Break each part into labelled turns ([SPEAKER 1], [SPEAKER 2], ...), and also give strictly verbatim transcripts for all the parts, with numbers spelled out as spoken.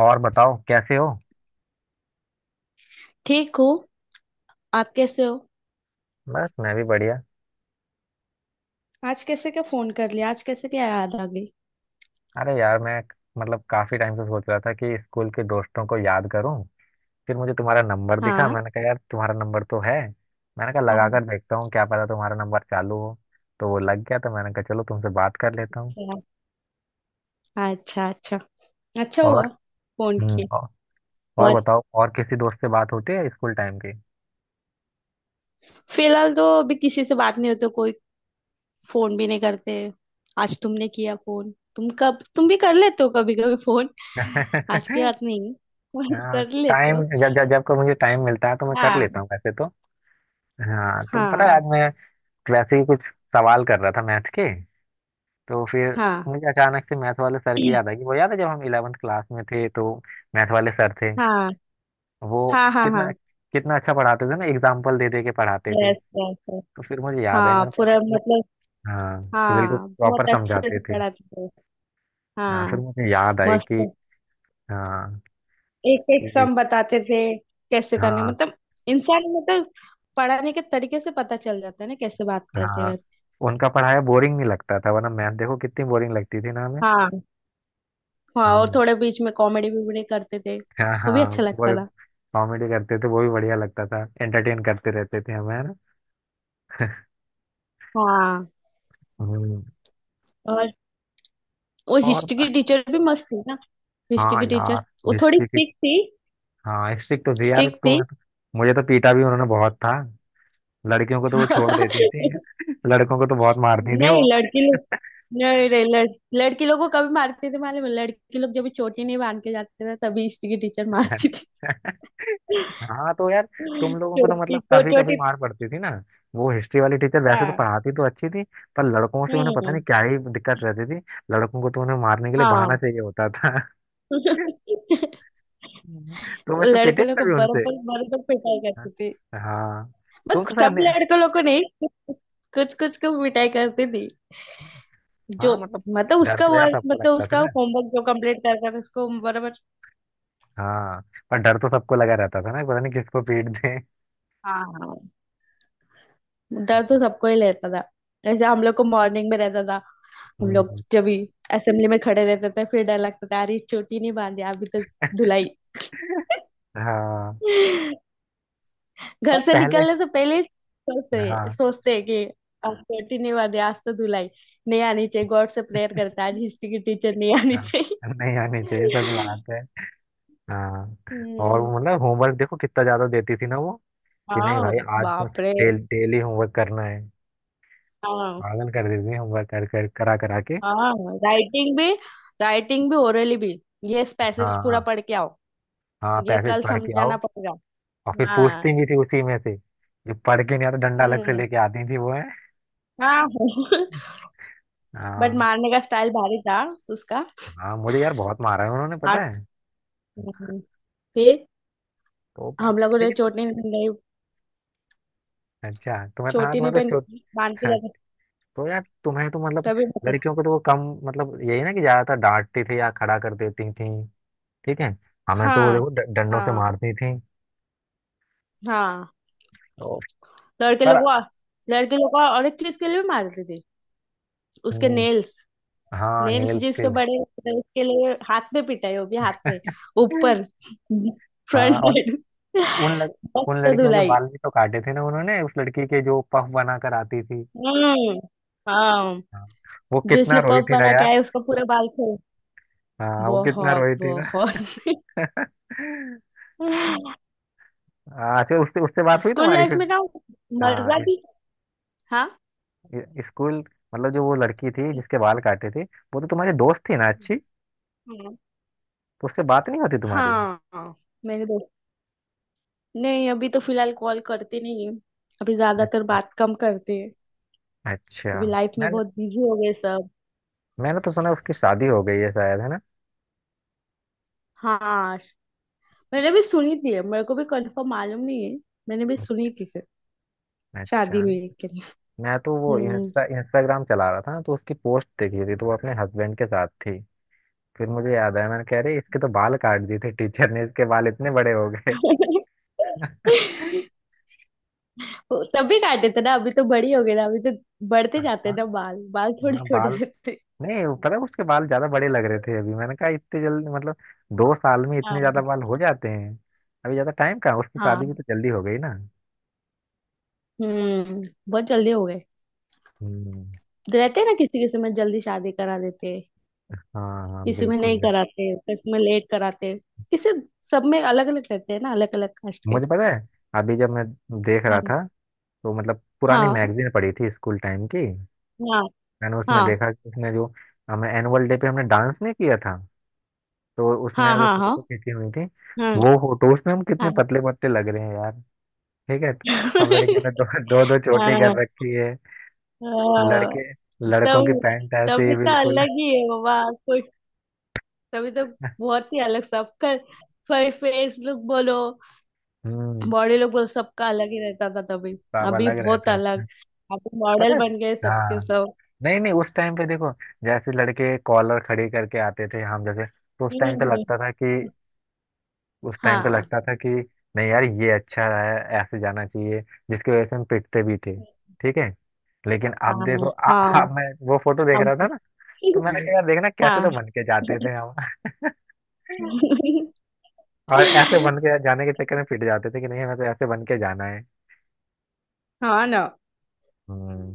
[SPEAKER 1] और बताओ, कैसे हो?
[SPEAKER 2] ठीक हो। आप कैसे हो?
[SPEAKER 1] बस, मैं भी बढ़िया।
[SPEAKER 2] आज कैसे क्या फोन कर लिया, आज कैसे क्या याद आ गई?
[SPEAKER 1] अरे यार, मैं क- मतलब काफी टाइम से सोच रहा था कि स्कूल के दोस्तों को याद करूं। फिर मुझे तुम्हारा नंबर दिखा,
[SPEAKER 2] हाँ।
[SPEAKER 1] मैंने कहा यार, तुम्हारा नंबर तो है। मैंने कहा लगा
[SPEAKER 2] अच्छा।
[SPEAKER 1] कर देखता हूँ, क्या पता तुम्हारा नंबर चालू हो। तो वो लग गया, तो मैंने कहा चलो तुमसे बात कर लेता हूँ।
[SPEAKER 2] अच्छा, अच्छा। अच्छा हुआ
[SPEAKER 1] और
[SPEAKER 2] फोन
[SPEAKER 1] हम्म
[SPEAKER 2] किया।
[SPEAKER 1] और, और
[SPEAKER 2] और,
[SPEAKER 1] बताओ, और किसी दोस्त से बात होती है स्कूल टाइम की?
[SPEAKER 2] फिलहाल तो अभी किसी से बात नहीं होती कोई। फोन भी नहीं करते। आज तुमने किया फोन, तुम कब तुम भी कर लेते हो कभी कभी फोन। आज की बात नहीं है, फोन
[SPEAKER 1] हाँ,
[SPEAKER 2] कर लेते
[SPEAKER 1] टाइम
[SPEAKER 2] हो।
[SPEAKER 1] जब जब जब को मुझे टाइम मिलता है तो मैं कर
[SPEAKER 2] हाँ,
[SPEAKER 1] लेता हूँ वैसे तो। हाँ, तो पता है
[SPEAKER 2] हाँ,
[SPEAKER 1] आज मैं वैसे ही कुछ सवाल कर रहा था मैथ के, तो फिर
[SPEAKER 2] हाँ।
[SPEAKER 1] मुझे अचानक से मैथ वाले सर की याद आई। वो याद है जब हम इलेवेंथ क्लास में थे तो मैथ वाले सर थे
[SPEAKER 2] हाँ,
[SPEAKER 1] वो,
[SPEAKER 2] हाँ, हाँ,
[SPEAKER 1] कितना
[SPEAKER 2] हाँ।
[SPEAKER 1] कितना अच्छा पढ़ाते थे ना, एग्जाम्पल दे दे के पढ़ाते थे।
[SPEAKER 2] Yes, yes.
[SPEAKER 1] तो फिर मुझे याद आई,
[SPEAKER 2] हाँ,
[SPEAKER 1] मैंने कहा
[SPEAKER 2] पूरा
[SPEAKER 1] "अरे वो-
[SPEAKER 2] मतलब।
[SPEAKER 1] हाँ, कि बिल्कुल
[SPEAKER 2] हाँ,
[SPEAKER 1] प्रॉपर
[SPEAKER 2] बहुत अच्छे
[SPEAKER 1] समझाते
[SPEAKER 2] से
[SPEAKER 1] थे।
[SPEAKER 2] पढ़ाते हो।
[SPEAKER 1] हाँ, फिर
[SPEAKER 2] हाँ।
[SPEAKER 1] मुझे याद आई कि,
[SPEAKER 2] मस्त।
[SPEAKER 1] हाँ
[SPEAKER 2] एक एक
[SPEAKER 1] कि,
[SPEAKER 2] सम बताते थे। कैसे करने
[SPEAKER 1] हाँ
[SPEAKER 2] मतलब। इंसान मतलब। पढ़ाने के तरीके से पता चल जाता है ना, कैसे बात करते
[SPEAKER 1] हाँ
[SPEAKER 2] हैं।
[SPEAKER 1] उनका पढ़ाया बोरिंग नहीं लगता था, वरना मैथ देखो कितनी बोरिंग लगती थी ना हमें।
[SPEAKER 2] हाँ, हाँ, और
[SPEAKER 1] हम्म।
[SPEAKER 2] थोड़े बीच में कॉमेडी भी भी करते थे,
[SPEAKER 1] हाँ
[SPEAKER 2] वो भी
[SPEAKER 1] हाँ,
[SPEAKER 2] अच्छा लगता
[SPEAKER 1] वो
[SPEAKER 2] था।
[SPEAKER 1] कॉमेडी करते थे, वो भी बढ़िया लगता था, एंटरटेन करते रहते थे हमें, है ना?
[SPEAKER 2] हाँ।
[SPEAKER 1] हम्म।
[SPEAKER 2] और वो
[SPEAKER 1] और।
[SPEAKER 2] हिस्ट्री की टीचर भी मस्त थी ना। हिस्ट्री
[SPEAKER 1] हाँ
[SPEAKER 2] की
[SPEAKER 1] यार,
[SPEAKER 2] टीचर वो थोड़ी
[SPEAKER 1] हिस्ट्री की।
[SPEAKER 2] स्ट्रिक्ट थी।
[SPEAKER 1] हाँ, हिस्ट्री तो थी यार,
[SPEAKER 2] स्ट्रिक्ट थी।
[SPEAKER 1] तुम्हें तो, मुझे तो पीटा भी उन्होंने बहुत था। लड़कियों को तो वो छोड़ देती थी। लड़कों को तो बहुत मारती थी वो।
[SPEAKER 2] नहीं लड़की लोग। नहीं, नहीं, लड़, लड़की लोगों को कभी मारते थे मालूम है? लड़की लोग जब भी चोटी नहीं बांध के जाते थे, तभी हिस्ट्री की टीचर मारती।
[SPEAKER 1] हाँ, तो यार, तुम लोगों को तो
[SPEAKER 2] छोटी
[SPEAKER 1] मतलब
[SPEAKER 2] तो
[SPEAKER 1] कभी कभी
[SPEAKER 2] छोटी।
[SPEAKER 1] मार पड़ती थी ना। वो हिस्ट्री वाली टीचर वैसे तो
[SPEAKER 2] हाँ।
[SPEAKER 1] पढ़ाती तो अच्छी थी, पर लड़कों से उन्हें पता नहीं
[SPEAKER 2] हम्म।
[SPEAKER 1] क्या ही दिक्कत रहती थी, लड़कों को तो उन्हें मारने के लिए बहाना
[SPEAKER 2] हाँ।
[SPEAKER 1] चाहिए होता था। तुम ऐसे पिटे
[SPEAKER 2] लड़के
[SPEAKER 1] भी
[SPEAKER 2] लोग को
[SPEAKER 1] कभी
[SPEAKER 2] बर्फ
[SPEAKER 1] उनसे?
[SPEAKER 2] बर्फ तक पिटाई
[SPEAKER 1] हाँ,
[SPEAKER 2] करती थी।
[SPEAKER 1] हाँ, तुम
[SPEAKER 2] बट
[SPEAKER 1] तो शायद
[SPEAKER 2] सब
[SPEAKER 1] नहीं-।
[SPEAKER 2] लड़के लोग को नहीं। कुछ कुछ को पिटाई करती थी। जो
[SPEAKER 1] हाँ, मतलब
[SPEAKER 2] मतलब
[SPEAKER 1] डर
[SPEAKER 2] उसका
[SPEAKER 1] तो यार
[SPEAKER 2] वर्क
[SPEAKER 1] सबको
[SPEAKER 2] मतलब
[SPEAKER 1] लगता था
[SPEAKER 2] उसका
[SPEAKER 1] ना।
[SPEAKER 2] होमवर्क जो कंप्लीट करता था उसको बराबर।
[SPEAKER 1] हाँ, पर डर तो सबको लगा रहता था ना, पता नहीं किसको पीट दे।
[SPEAKER 2] हाँ, हाँ। डर तो सबको ही लेता था। जैसे हम लोग को मॉर्निंग में रहता था। हम लोग
[SPEAKER 1] हम्म।
[SPEAKER 2] जब भी असेंबली में खड़े रहते थे, फिर डर लगता था, अरे चोटी नहीं बांधी अभी तो। धुलाई।
[SPEAKER 1] हाँ,
[SPEAKER 2] घर
[SPEAKER 1] पर
[SPEAKER 2] से
[SPEAKER 1] पहले,
[SPEAKER 2] निकलने से पहले ही सोचते
[SPEAKER 1] हाँ,
[SPEAKER 2] सोचते हैं कि आज छुट्टी नहीं वादे, आज तो धुलाई नहीं आनी चाहिए, गॉड से प्रेयर करता है, आज हिस्ट्री की टीचर नहीं आनी
[SPEAKER 1] हाँ,
[SPEAKER 2] चाहिए।
[SPEAKER 1] नहीं आनी चाहिए, सच बात है। हाँ, और
[SPEAKER 2] हम्म।
[SPEAKER 1] वो मतलब होमवर्क देखो कितना ज्यादा देती थी ना वो, कि नहीं
[SPEAKER 2] हाँ।
[SPEAKER 1] भाई, आज तो
[SPEAKER 2] बाप रे।
[SPEAKER 1] डेल, डेली होमवर्क करना है।
[SPEAKER 2] हाँ।
[SPEAKER 1] पागल कर देती थी होमवर्क कर कर करा करा के।
[SPEAKER 2] हाँ। राइटिंग भी। राइटिंग भी ओरली भी। ये पैसेज पूरा
[SPEAKER 1] हाँ,
[SPEAKER 2] पढ़ के आओ।
[SPEAKER 1] हाँ,
[SPEAKER 2] ये
[SPEAKER 1] पैसेज
[SPEAKER 2] कल
[SPEAKER 1] पढ़ के आओ।
[SPEAKER 2] समझाना पड़ेगा।
[SPEAKER 1] और फिर
[SPEAKER 2] हाँ।
[SPEAKER 1] पूछती भी थी उसी में से, जो पढ़ के नहीं आता, डंडा अलग से
[SPEAKER 2] हम्म।
[SPEAKER 1] लेके आती थी वो, है।
[SPEAKER 2] हाँ। बट
[SPEAKER 1] हाँ।
[SPEAKER 2] मारने का स्टाइल भारी था। उसका।
[SPEAKER 1] हाँ, मुझे यार बहुत मारा है उन्होंने, पता
[SPEAKER 2] हाथ।
[SPEAKER 1] है।
[SPEAKER 2] फिर।
[SPEAKER 1] तो प-
[SPEAKER 2] हम लोगों ने
[SPEAKER 1] लेकिन
[SPEAKER 2] चोटी।
[SPEAKER 1] अच्छा, तुम्हें तो, हाँ,
[SPEAKER 2] चोटी नहीं
[SPEAKER 1] तुम्हें तो
[SPEAKER 2] पहन,
[SPEAKER 1] छो-
[SPEAKER 2] बांध के
[SPEAKER 1] हाँ,
[SPEAKER 2] जाते।
[SPEAKER 1] तो यार, तुम्हें तो मतलब
[SPEAKER 2] तभी होते।
[SPEAKER 1] लड़कियों को तो वो कम, मतलब यही ना कि ज्यादातर डांटती थी या खड़ा कर देती थी, ठीक है। हमें तो वो
[SPEAKER 2] हाँ,
[SPEAKER 1] देखो ड- डंडों से
[SPEAKER 2] हाँ,
[SPEAKER 1] मारती थी।
[SPEAKER 2] हाँ।
[SPEAKER 1] ओ,
[SPEAKER 2] लड़के
[SPEAKER 1] पर।
[SPEAKER 2] लोग को- लड़के लोग को और एक चीज के लिए भी मारती थी। उसके
[SPEAKER 1] हम्म।
[SPEAKER 2] नेल्स।
[SPEAKER 1] हाँ,
[SPEAKER 2] नेल्स
[SPEAKER 1] नेल के
[SPEAKER 2] जिसके
[SPEAKER 1] लिए।
[SPEAKER 2] बड़े होते थे, उसके लिए हाथ में पिटाई होगी, हाथ में। ऊपर। फ्रंट
[SPEAKER 1] हाँ, और
[SPEAKER 2] साइड।
[SPEAKER 1] उन लड़, उन
[SPEAKER 2] मस्त
[SPEAKER 1] लड़कियों के
[SPEAKER 2] धुलाई।
[SPEAKER 1] बाल भी तो काटे थे ना उन्होंने, उस लड़की के जो पफ बना कर आती थी।
[SPEAKER 2] हम्म। हाँ।
[SPEAKER 1] हाँ, वो
[SPEAKER 2] जो इसने
[SPEAKER 1] कितना रोई
[SPEAKER 2] पफ
[SPEAKER 1] थी ना
[SPEAKER 2] बना के
[SPEAKER 1] यार।
[SPEAKER 2] आया, उसका पूरा बाल खोल।
[SPEAKER 1] हाँ, वो कितना
[SPEAKER 2] बहुत,
[SPEAKER 1] रोई थी ना।
[SPEAKER 2] बहुत।
[SPEAKER 1] हाँ, अच्छा, उससे उससे बात हुई
[SPEAKER 2] स्कूल
[SPEAKER 1] तुम्हारी
[SPEAKER 2] लाइफ
[SPEAKER 1] फिर?
[SPEAKER 2] में ना।
[SPEAKER 1] हाँ,
[SPEAKER 2] मजा भी। हाँ।
[SPEAKER 1] ये- स्कूल मतलब जो वो लड़की थी जिसके बाल काटे थे वो तो तुम्हारी दोस्त थी ना अच्छी, तो उससे बात नहीं होती तुम्हारी?
[SPEAKER 2] हाँ। मेरे दोस्त। नहीं, अभी तो फिलहाल कॉल करते नहीं है। अभी ज्यादातर
[SPEAKER 1] अच्छा।
[SPEAKER 2] बात कम करते हैं।
[SPEAKER 1] अच्छा,
[SPEAKER 2] अभी लाइफ में
[SPEAKER 1] मैंने
[SPEAKER 2] बहुत बिजी हो गए सब।
[SPEAKER 1] मैंने तो सुना उसकी शादी हो गई है शायद, है ना?
[SPEAKER 2] हाँ। मैंने भी सुनी थी, मेरे को भी कंफर्म मालूम नहीं है। मैंने भी सुनी थी सर।
[SPEAKER 1] अच्छा,
[SPEAKER 2] शादी हुई के लिए।
[SPEAKER 1] मैं तो वो
[SPEAKER 2] हम्म।
[SPEAKER 1] इंस्टा इंस्टाग्राम चला रहा था तो उसकी पोस्ट देखी थी, तो वो अपने हस्बैंड के साथ थी। फिर मुझे याद आया, मैंने कह रही इसके तो बाल काट दिए थे टीचर ने, इसके बाल इतने बड़े हो गए।
[SPEAKER 2] वो तभी काटे थे ना, अभी तो बड़ी हो गई ना, अभी तो बढ़ते
[SPEAKER 1] हाँ।
[SPEAKER 2] जाते हैं ना, बाल, बाल थोड़े
[SPEAKER 1] हाँ,
[SPEAKER 2] छोटे
[SPEAKER 1] बाल,
[SPEAKER 2] रहते हैं।
[SPEAKER 1] नहीं, वो पता है उसके बाल ज्यादा बड़े लग रहे थे अभी, मैंने कहा इतने जल्दी मतलब दो साल में इतने ज्यादा
[SPEAKER 2] हाँ,
[SPEAKER 1] बाल हो जाते हैं? अभी ज्यादा टाइम कहाँ, उसकी
[SPEAKER 2] हाँ।
[SPEAKER 1] शादी भी तो जल्दी हो गई ना।
[SPEAKER 2] हम्म। बहुत जल्दी हो गए।
[SPEAKER 1] हम्म।
[SPEAKER 2] रहते हैं ना, किसी किसी में जल्दी शादी करा देते हैं।
[SPEAKER 1] हाँ, हाँ,
[SPEAKER 2] किसी में
[SPEAKER 1] बिल्कुल
[SPEAKER 2] नहीं
[SPEAKER 1] बिल्कुल।
[SPEAKER 2] कराते, किसी में लेट कराते। किसी। सब में अलग अलग रहते हैं ना, अलग अलग कास्ट के।
[SPEAKER 1] मुझे पता है, अभी जब मैं देख
[SPEAKER 2] हाँ,
[SPEAKER 1] रहा था, तो मतलब पुरानी
[SPEAKER 2] हाँ,
[SPEAKER 1] मैगजीन पड़ी थी स्कूल टाइम की,
[SPEAKER 2] हाँ,
[SPEAKER 1] मैंने उसमें
[SPEAKER 2] हाँ।
[SPEAKER 1] देखा कि उसमें जो, हमें एनुअल डे पे हमने डांस नहीं किया था, तो उसमें
[SPEAKER 2] हाँ।
[SPEAKER 1] जो
[SPEAKER 2] हाँ, हाँ, हाँ,
[SPEAKER 1] फोटो खींची हुई थी, वो फोटोज में हम कितने
[SPEAKER 2] हाँ।
[SPEAKER 1] पतले पतले लग रहे हैं यार, ठीक है। सब लड़कियों ने दो दो दो चोटी
[SPEAKER 2] हाँ।
[SPEAKER 1] कर रखी है,
[SPEAKER 2] हाँ।
[SPEAKER 1] लड़के लड़कों की
[SPEAKER 2] तब।
[SPEAKER 1] पैंट ऐसे ही
[SPEAKER 2] तभी तो
[SPEAKER 1] बिल्कुल।
[SPEAKER 2] अलग ही है बाबा कुछ। तभी तो। बहुत ही अलग सबका। फेस लुक बोलो।
[SPEAKER 1] हम्म।
[SPEAKER 2] बॉडी लुक बोलो, सबका अलग ही रहता था तभी।
[SPEAKER 1] सब
[SPEAKER 2] अभी
[SPEAKER 1] अलग
[SPEAKER 2] बहुत
[SPEAKER 1] रहता
[SPEAKER 2] अलग।
[SPEAKER 1] था,
[SPEAKER 2] अभी
[SPEAKER 1] पता
[SPEAKER 2] मॉडल
[SPEAKER 1] है?
[SPEAKER 2] बन गए सबके
[SPEAKER 1] हाँ,
[SPEAKER 2] सब।
[SPEAKER 1] नहीं नहीं, उस टाइम पे देखो, जैसे लड़के कॉलर खड़ी करके आते थे हम, जैसे तो उस
[SPEAKER 2] हम्म,
[SPEAKER 1] टाइम पे लगता था कि,
[SPEAKER 2] हम्म।
[SPEAKER 1] उस टाइम पे
[SPEAKER 2] हाँ।
[SPEAKER 1] लगता था कि नहीं यार, ये अच्छा है, ऐसे जाना चाहिए, जिसकी वजह से हम पिटते भी थे, ठीक है। लेकिन अब
[SPEAKER 2] हाँ।
[SPEAKER 1] देखो आ, आ,
[SPEAKER 2] हाँ।
[SPEAKER 1] मैं वो फोटो देख
[SPEAKER 2] अब
[SPEAKER 1] रहा था ना, तो मैंने हम्म। कहा यार, देखना कैसे
[SPEAKER 2] हाँ।
[SPEAKER 1] तो बन के जाते थे हम। और ऐसे बन के जाने के चक्कर में पिट जाते थे कि नहीं, हमें तो ऐसे बन के जाना है।
[SPEAKER 2] हाँ ना।
[SPEAKER 1] हम्म।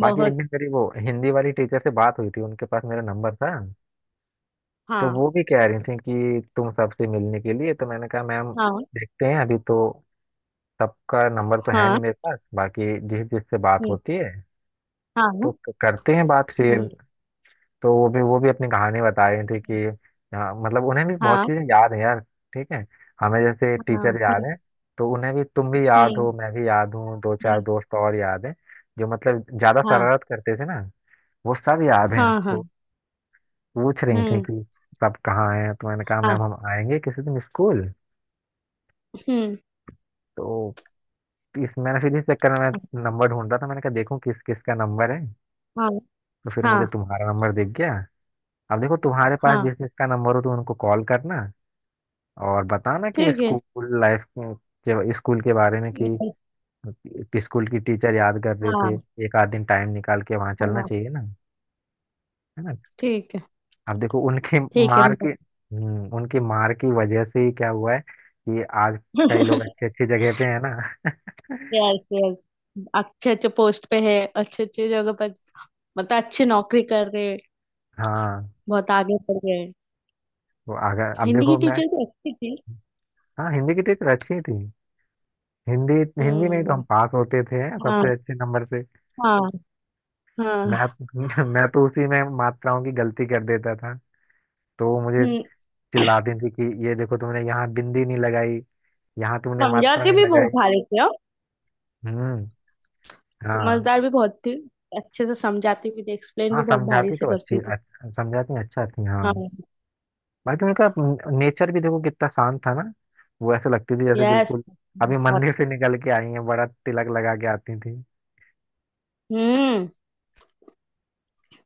[SPEAKER 1] बाकी एक दिन मेरी वो हिंदी वाली टीचर से बात हुई थी, उनके पास मेरा नंबर था, तो
[SPEAKER 2] हाँ।
[SPEAKER 1] वो भी कह रही थी कि तुम सबसे मिलने के लिए, तो मैंने कहा मैम
[SPEAKER 2] हाँ।
[SPEAKER 1] देखते हैं, अभी तो सबका नंबर तो है
[SPEAKER 2] हाँ।
[SPEAKER 1] नहीं मेरे पास, बाकी जिस जिससे बात
[SPEAKER 2] हम्म,
[SPEAKER 1] होती है तो
[SPEAKER 2] हाँ।
[SPEAKER 1] क- करते हैं बात
[SPEAKER 2] हम्म।
[SPEAKER 1] फिर। तो वो भी वो भी अपनी कहानी बता रही थी कि, हाँ, मतलब उन्हें भी बहुत
[SPEAKER 2] हाँ।
[SPEAKER 1] चीजें याद है यार, ठीक है, हमें जैसे
[SPEAKER 2] हाँ।
[SPEAKER 1] टीचर याद
[SPEAKER 2] हम्म,
[SPEAKER 1] है तो उन्हें भी तुम भी याद
[SPEAKER 2] हम्म,
[SPEAKER 1] हो, मैं भी याद हूँ, दो चार
[SPEAKER 2] हम्म।
[SPEAKER 1] दोस्त और याद हैं जो मतलब ज्यादा
[SPEAKER 2] हाँ,
[SPEAKER 1] शरारत करते थे ना, वो सब याद हैं
[SPEAKER 2] हाँ। हाँ।
[SPEAKER 1] तो। पूछ रही
[SPEAKER 2] हम्म।
[SPEAKER 1] थी कि सब कहाँ हैं, तो मैंने कहा
[SPEAKER 2] हाँ।
[SPEAKER 1] मैम हम आएंगे किसी दिन स्कूल,
[SPEAKER 2] हम्म।
[SPEAKER 1] तो इस मैंने फिर इस चक्कर में मैं नंबर ढूंढ रहा था, मैंने कहा देखूं किस किस का नंबर है,
[SPEAKER 2] हाँ,
[SPEAKER 1] तो फिर
[SPEAKER 2] हाँ।
[SPEAKER 1] मुझे तुम्हारा नंबर दिख गया। अब देखो तुम्हारे पास
[SPEAKER 2] हाँ
[SPEAKER 1] जिस जिसका नंबर हो तो उनको कॉल करना और बताना कि
[SPEAKER 2] ठीक है।
[SPEAKER 1] स्कूल लाइफ के, स्कूल के बारे में, कि
[SPEAKER 2] ये-
[SPEAKER 1] कि स्कूल की टीचर याद कर रहे थे,
[SPEAKER 2] हाँ।
[SPEAKER 1] एक आध दिन टाइम निकाल के वहां चलना
[SPEAKER 2] हाँ।
[SPEAKER 1] चाहिए ना, है ना?
[SPEAKER 2] ठीक है।
[SPEAKER 1] अब देखो उनकी
[SPEAKER 2] ठीक है,
[SPEAKER 1] मार
[SPEAKER 2] मैं।
[SPEAKER 1] के हम्म उनकी मार की वजह से ही क्या हुआ है कि आज कई लोग अच्छी अच्छी जगह पे है ना।
[SPEAKER 2] Yes, yes. अच्छे अच्छे पोस्ट पे है, अच्छे अच्छे जगह पर। मतलब अच्छी नौकरी कर रहे हैं।
[SPEAKER 1] हाँ,
[SPEAKER 2] बहुत आगे बढ़ गए हैं।
[SPEAKER 1] तो अगर, अब
[SPEAKER 2] हिंदी की
[SPEAKER 1] देखो मैं।
[SPEAKER 2] टीचर भी अच्छी थी।
[SPEAKER 1] हाँ, हिंदी की टीचर अच्छी थी। हिंदी, हिंदी में ही तो
[SPEAKER 2] हम्म।
[SPEAKER 1] हम पास होते थे
[SPEAKER 2] हाँ,
[SPEAKER 1] सबसे अच्छे नंबर से।
[SPEAKER 2] हाँ,
[SPEAKER 1] मैं
[SPEAKER 2] हाँ।
[SPEAKER 1] मैं तो उसी में मात्राओं की गलती कर देता था, तो वो मुझे
[SPEAKER 2] हम्म।
[SPEAKER 1] चिल्लाती थी कि ये देखो तुमने यहाँ बिंदी नहीं लगाई, यहाँ तुमने मात्रा
[SPEAKER 2] समझाती
[SPEAKER 1] नहीं
[SPEAKER 2] भी बहुत
[SPEAKER 1] लगाई।
[SPEAKER 2] भारी थी, हाँ।
[SPEAKER 1] हम्म। हाँ।
[SPEAKER 2] समझदार भी बहुत थी। अच्छे से समझाती भी थी, एक्सप्लेन
[SPEAKER 1] हाँ,
[SPEAKER 2] भी बहुत भारी
[SPEAKER 1] समझाती
[SPEAKER 2] से
[SPEAKER 1] तो अच्छी
[SPEAKER 2] करती थी।
[SPEAKER 1] अच्छा, समझाती अच्छा थी, हाँ।
[SPEAKER 2] हाँ।
[SPEAKER 1] बाकी उनका नेचर भी देखो कितना शांत था ना, वो ऐसे लगती थी जैसे
[SPEAKER 2] यस।
[SPEAKER 1] बिल्कुल अभी
[SPEAKER 2] बहुत।
[SPEAKER 1] मंदिर से निकल के आई हैं, बड़ा तिलक लगा के आती थी।
[SPEAKER 2] हम्म।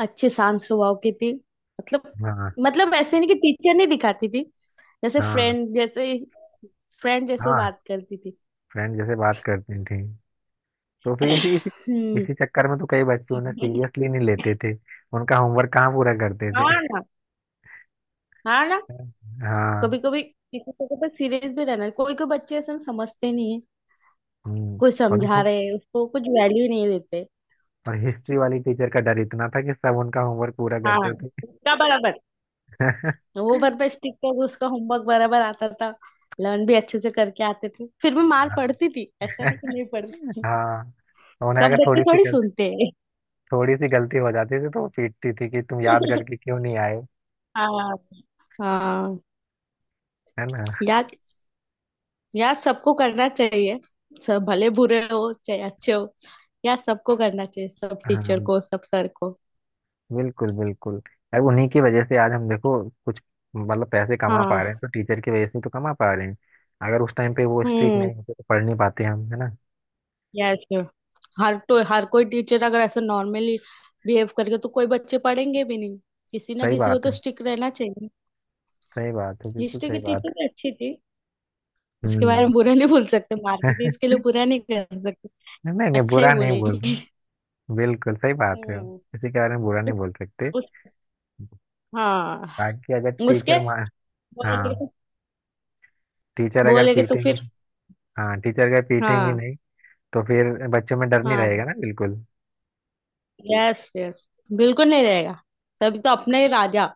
[SPEAKER 2] अच्छी शांत स्वभाव की थी। मतलब।
[SPEAKER 1] हाँ,
[SPEAKER 2] मतलब ऐसे नहीं कि टीचर नहीं दिखाती थी। जैसे
[SPEAKER 1] हाँ,
[SPEAKER 2] फ्रेंड जैसे। फ्रेंड जैसे
[SPEAKER 1] हाँ,
[SPEAKER 2] बात करती थी।
[SPEAKER 1] फ्रेंड जैसे बात करती थी, तो फिर इसी इसी
[SPEAKER 2] हम्म।
[SPEAKER 1] इसी चक्कर में तो कई बच्चे उन्हें सीरियसली नहीं लेते थे, उनका होमवर्क कहाँ पूरा करते थे।
[SPEAKER 2] हाँ ना, हाँ ना।
[SPEAKER 1] हाँ।
[SPEAKER 2] कभी कभी किसी को तो सीरियस भी रहना, कोई कोई बच्चे ऐसे समझते नहीं है।
[SPEAKER 1] हम्म।
[SPEAKER 2] कुछ
[SPEAKER 1] और
[SPEAKER 2] समझा
[SPEAKER 1] देखो,
[SPEAKER 2] रहे हैं उसको, कुछ वैल्यू नहीं देते।
[SPEAKER 1] और हिस्ट्री वाली टीचर का डर इतना था कि सब उनका होमवर्क पूरा
[SPEAKER 2] हाँ।
[SPEAKER 1] करते थे।
[SPEAKER 2] उसका बराबर होमवर्क पे स्टिक कर, उसका होमवर्क बराबर आता था। लर्न भी अच्छे से करके आते थे, फिर भी मार पड़ती थी, ऐसा नहीं कि नहीं पड़ती थी।
[SPEAKER 1] हाँ, उन्हें
[SPEAKER 2] सब
[SPEAKER 1] अगर
[SPEAKER 2] बच्चे
[SPEAKER 1] थोड़ी सी
[SPEAKER 2] थोड़ी
[SPEAKER 1] गलती
[SPEAKER 2] सुनते हैं।
[SPEAKER 1] थोड़ी सी गलती हो जाती थी तो वो पीटती थी कि तुम याद करके क्यों नहीं आए,
[SPEAKER 2] हाँ, हाँ।
[SPEAKER 1] है ना?
[SPEAKER 2] याद। याद सबको करना चाहिए। सब भले बुरे हो चाहे अच्छे हो। याद सबको करना चाहिए, सब टीचर
[SPEAKER 1] हाँ,
[SPEAKER 2] को, सब सर को।
[SPEAKER 1] बिल्कुल बिल्कुल। अब उन्हीं की वजह से आज हम देखो कुछ मतलब पैसे कमा पा रहे हैं,
[SPEAKER 2] हाँ।
[SPEAKER 1] तो टीचर की वजह से तो कमा पा रहे हैं। अगर उस टाइम पे वो स्ट्रिक्ट
[SPEAKER 2] हम्म।
[SPEAKER 1] नहीं होते तो पढ़ नहीं पाते हम, है ना?
[SPEAKER 2] यस। हर तो हर कोई टीचर अगर ऐसे नॉर्मली बिहेव करके, तो कोई बच्चे पढ़ेंगे भी नहीं। किसी ना
[SPEAKER 1] सही
[SPEAKER 2] किसी को
[SPEAKER 1] बात
[SPEAKER 2] तो
[SPEAKER 1] है,
[SPEAKER 2] स्ट्रिक्ट रहना चाहिए।
[SPEAKER 1] सही बात है, बिल्कुल
[SPEAKER 2] हिस्ट्री की
[SPEAKER 1] सही
[SPEAKER 2] टीचर
[SPEAKER 1] बात है।
[SPEAKER 2] भी अच्छी थी। उसके बारे
[SPEAKER 1] हम्म।
[SPEAKER 2] में बुरा नहीं बोल सकते, मार्केट इसके लिए बुरा नहीं कर सकते।
[SPEAKER 1] नहीं नहीं,
[SPEAKER 2] अच्छा ही
[SPEAKER 1] बुरा नहीं बोल
[SPEAKER 2] बोलेगी।
[SPEAKER 1] रहे, बिल्कुल सही बात है,
[SPEAKER 2] हम्म।
[SPEAKER 1] किसी के बारे में बुरा
[SPEAKER 2] उस,
[SPEAKER 1] नहीं बोल सकते।
[SPEAKER 2] उस, हाँ।
[SPEAKER 1] बाकी अगर
[SPEAKER 2] उसके
[SPEAKER 1] टीचर मा
[SPEAKER 2] बोलेगे
[SPEAKER 1] हाँ
[SPEAKER 2] तो।
[SPEAKER 1] टीचर अगर
[SPEAKER 2] बोलेगे तो
[SPEAKER 1] पीटेंगे
[SPEAKER 2] फिर।
[SPEAKER 1] हाँ टीचर अगर पीटेंगे
[SPEAKER 2] हाँ।
[SPEAKER 1] नहीं तो फिर बच्चों में डर नहीं
[SPEAKER 2] हाँ।
[SPEAKER 1] रहेगा ना, बिल्कुल।
[SPEAKER 2] Yes, yes. बिल्कुल नहीं रहेगा। तभी तो अपने ही राजा।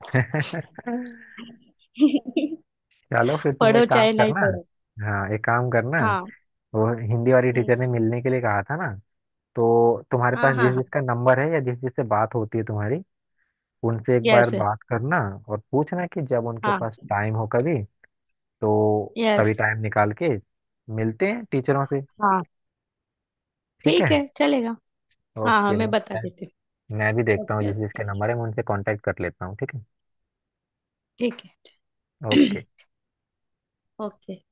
[SPEAKER 1] चलो, फिर तुम
[SPEAKER 2] पढ़ो
[SPEAKER 1] एक काम
[SPEAKER 2] चाहे नहीं
[SPEAKER 1] करना,
[SPEAKER 2] पढ़ो।
[SPEAKER 1] हाँ, एक काम करना,
[SPEAKER 2] हाँ।
[SPEAKER 1] वो हिंदी वाली
[SPEAKER 2] हम्म।
[SPEAKER 1] टीचर ने मिलने के लिए कहा था ना, तो तुम्हारे
[SPEAKER 2] हाँ,
[SPEAKER 1] पास
[SPEAKER 2] हाँ,
[SPEAKER 1] जिस
[SPEAKER 2] हाँ।
[SPEAKER 1] जिसका नंबर है या जिस जिससे बात होती है तुम्हारी, उनसे एक बार
[SPEAKER 2] यस।
[SPEAKER 1] बात करना और पूछना कि जब उनके
[SPEAKER 2] हाँ।
[SPEAKER 1] पास टाइम हो कभी, तो
[SPEAKER 2] यस।
[SPEAKER 1] कभी टाइम निकाल के मिलते हैं टीचरों से,
[SPEAKER 2] हाँ।
[SPEAKER 1] ठीक है।
[SPEAKER 2] ठीक है, चलेगा। हाँ, हाँ,
[SPEAKER 1] ओके,
[SPEAKER 2] मैं
[SPEAKER 1] मैं
[SPEAKER 2] बता
[SPEAKER 1] मैं
[SPEAKER 2] देती
[SPEAKER 1] मैं भी
[SPEAKER 2] हूँ।
[SPEAKER 1] देखता हूँ
[SPEAKER 2] ओके,
[SPEAKER 1] जिस
[SPEAKER 2] ओके।
[SPEAKER 1] जिसके नंबर है, मैं उनसे कांटेक्ट कर लेता हूँ, ठीक है।
[SPEAKER 2] ठीक है।
[SPEAKER 1] ओके।
[SPEAKER 2] ओके।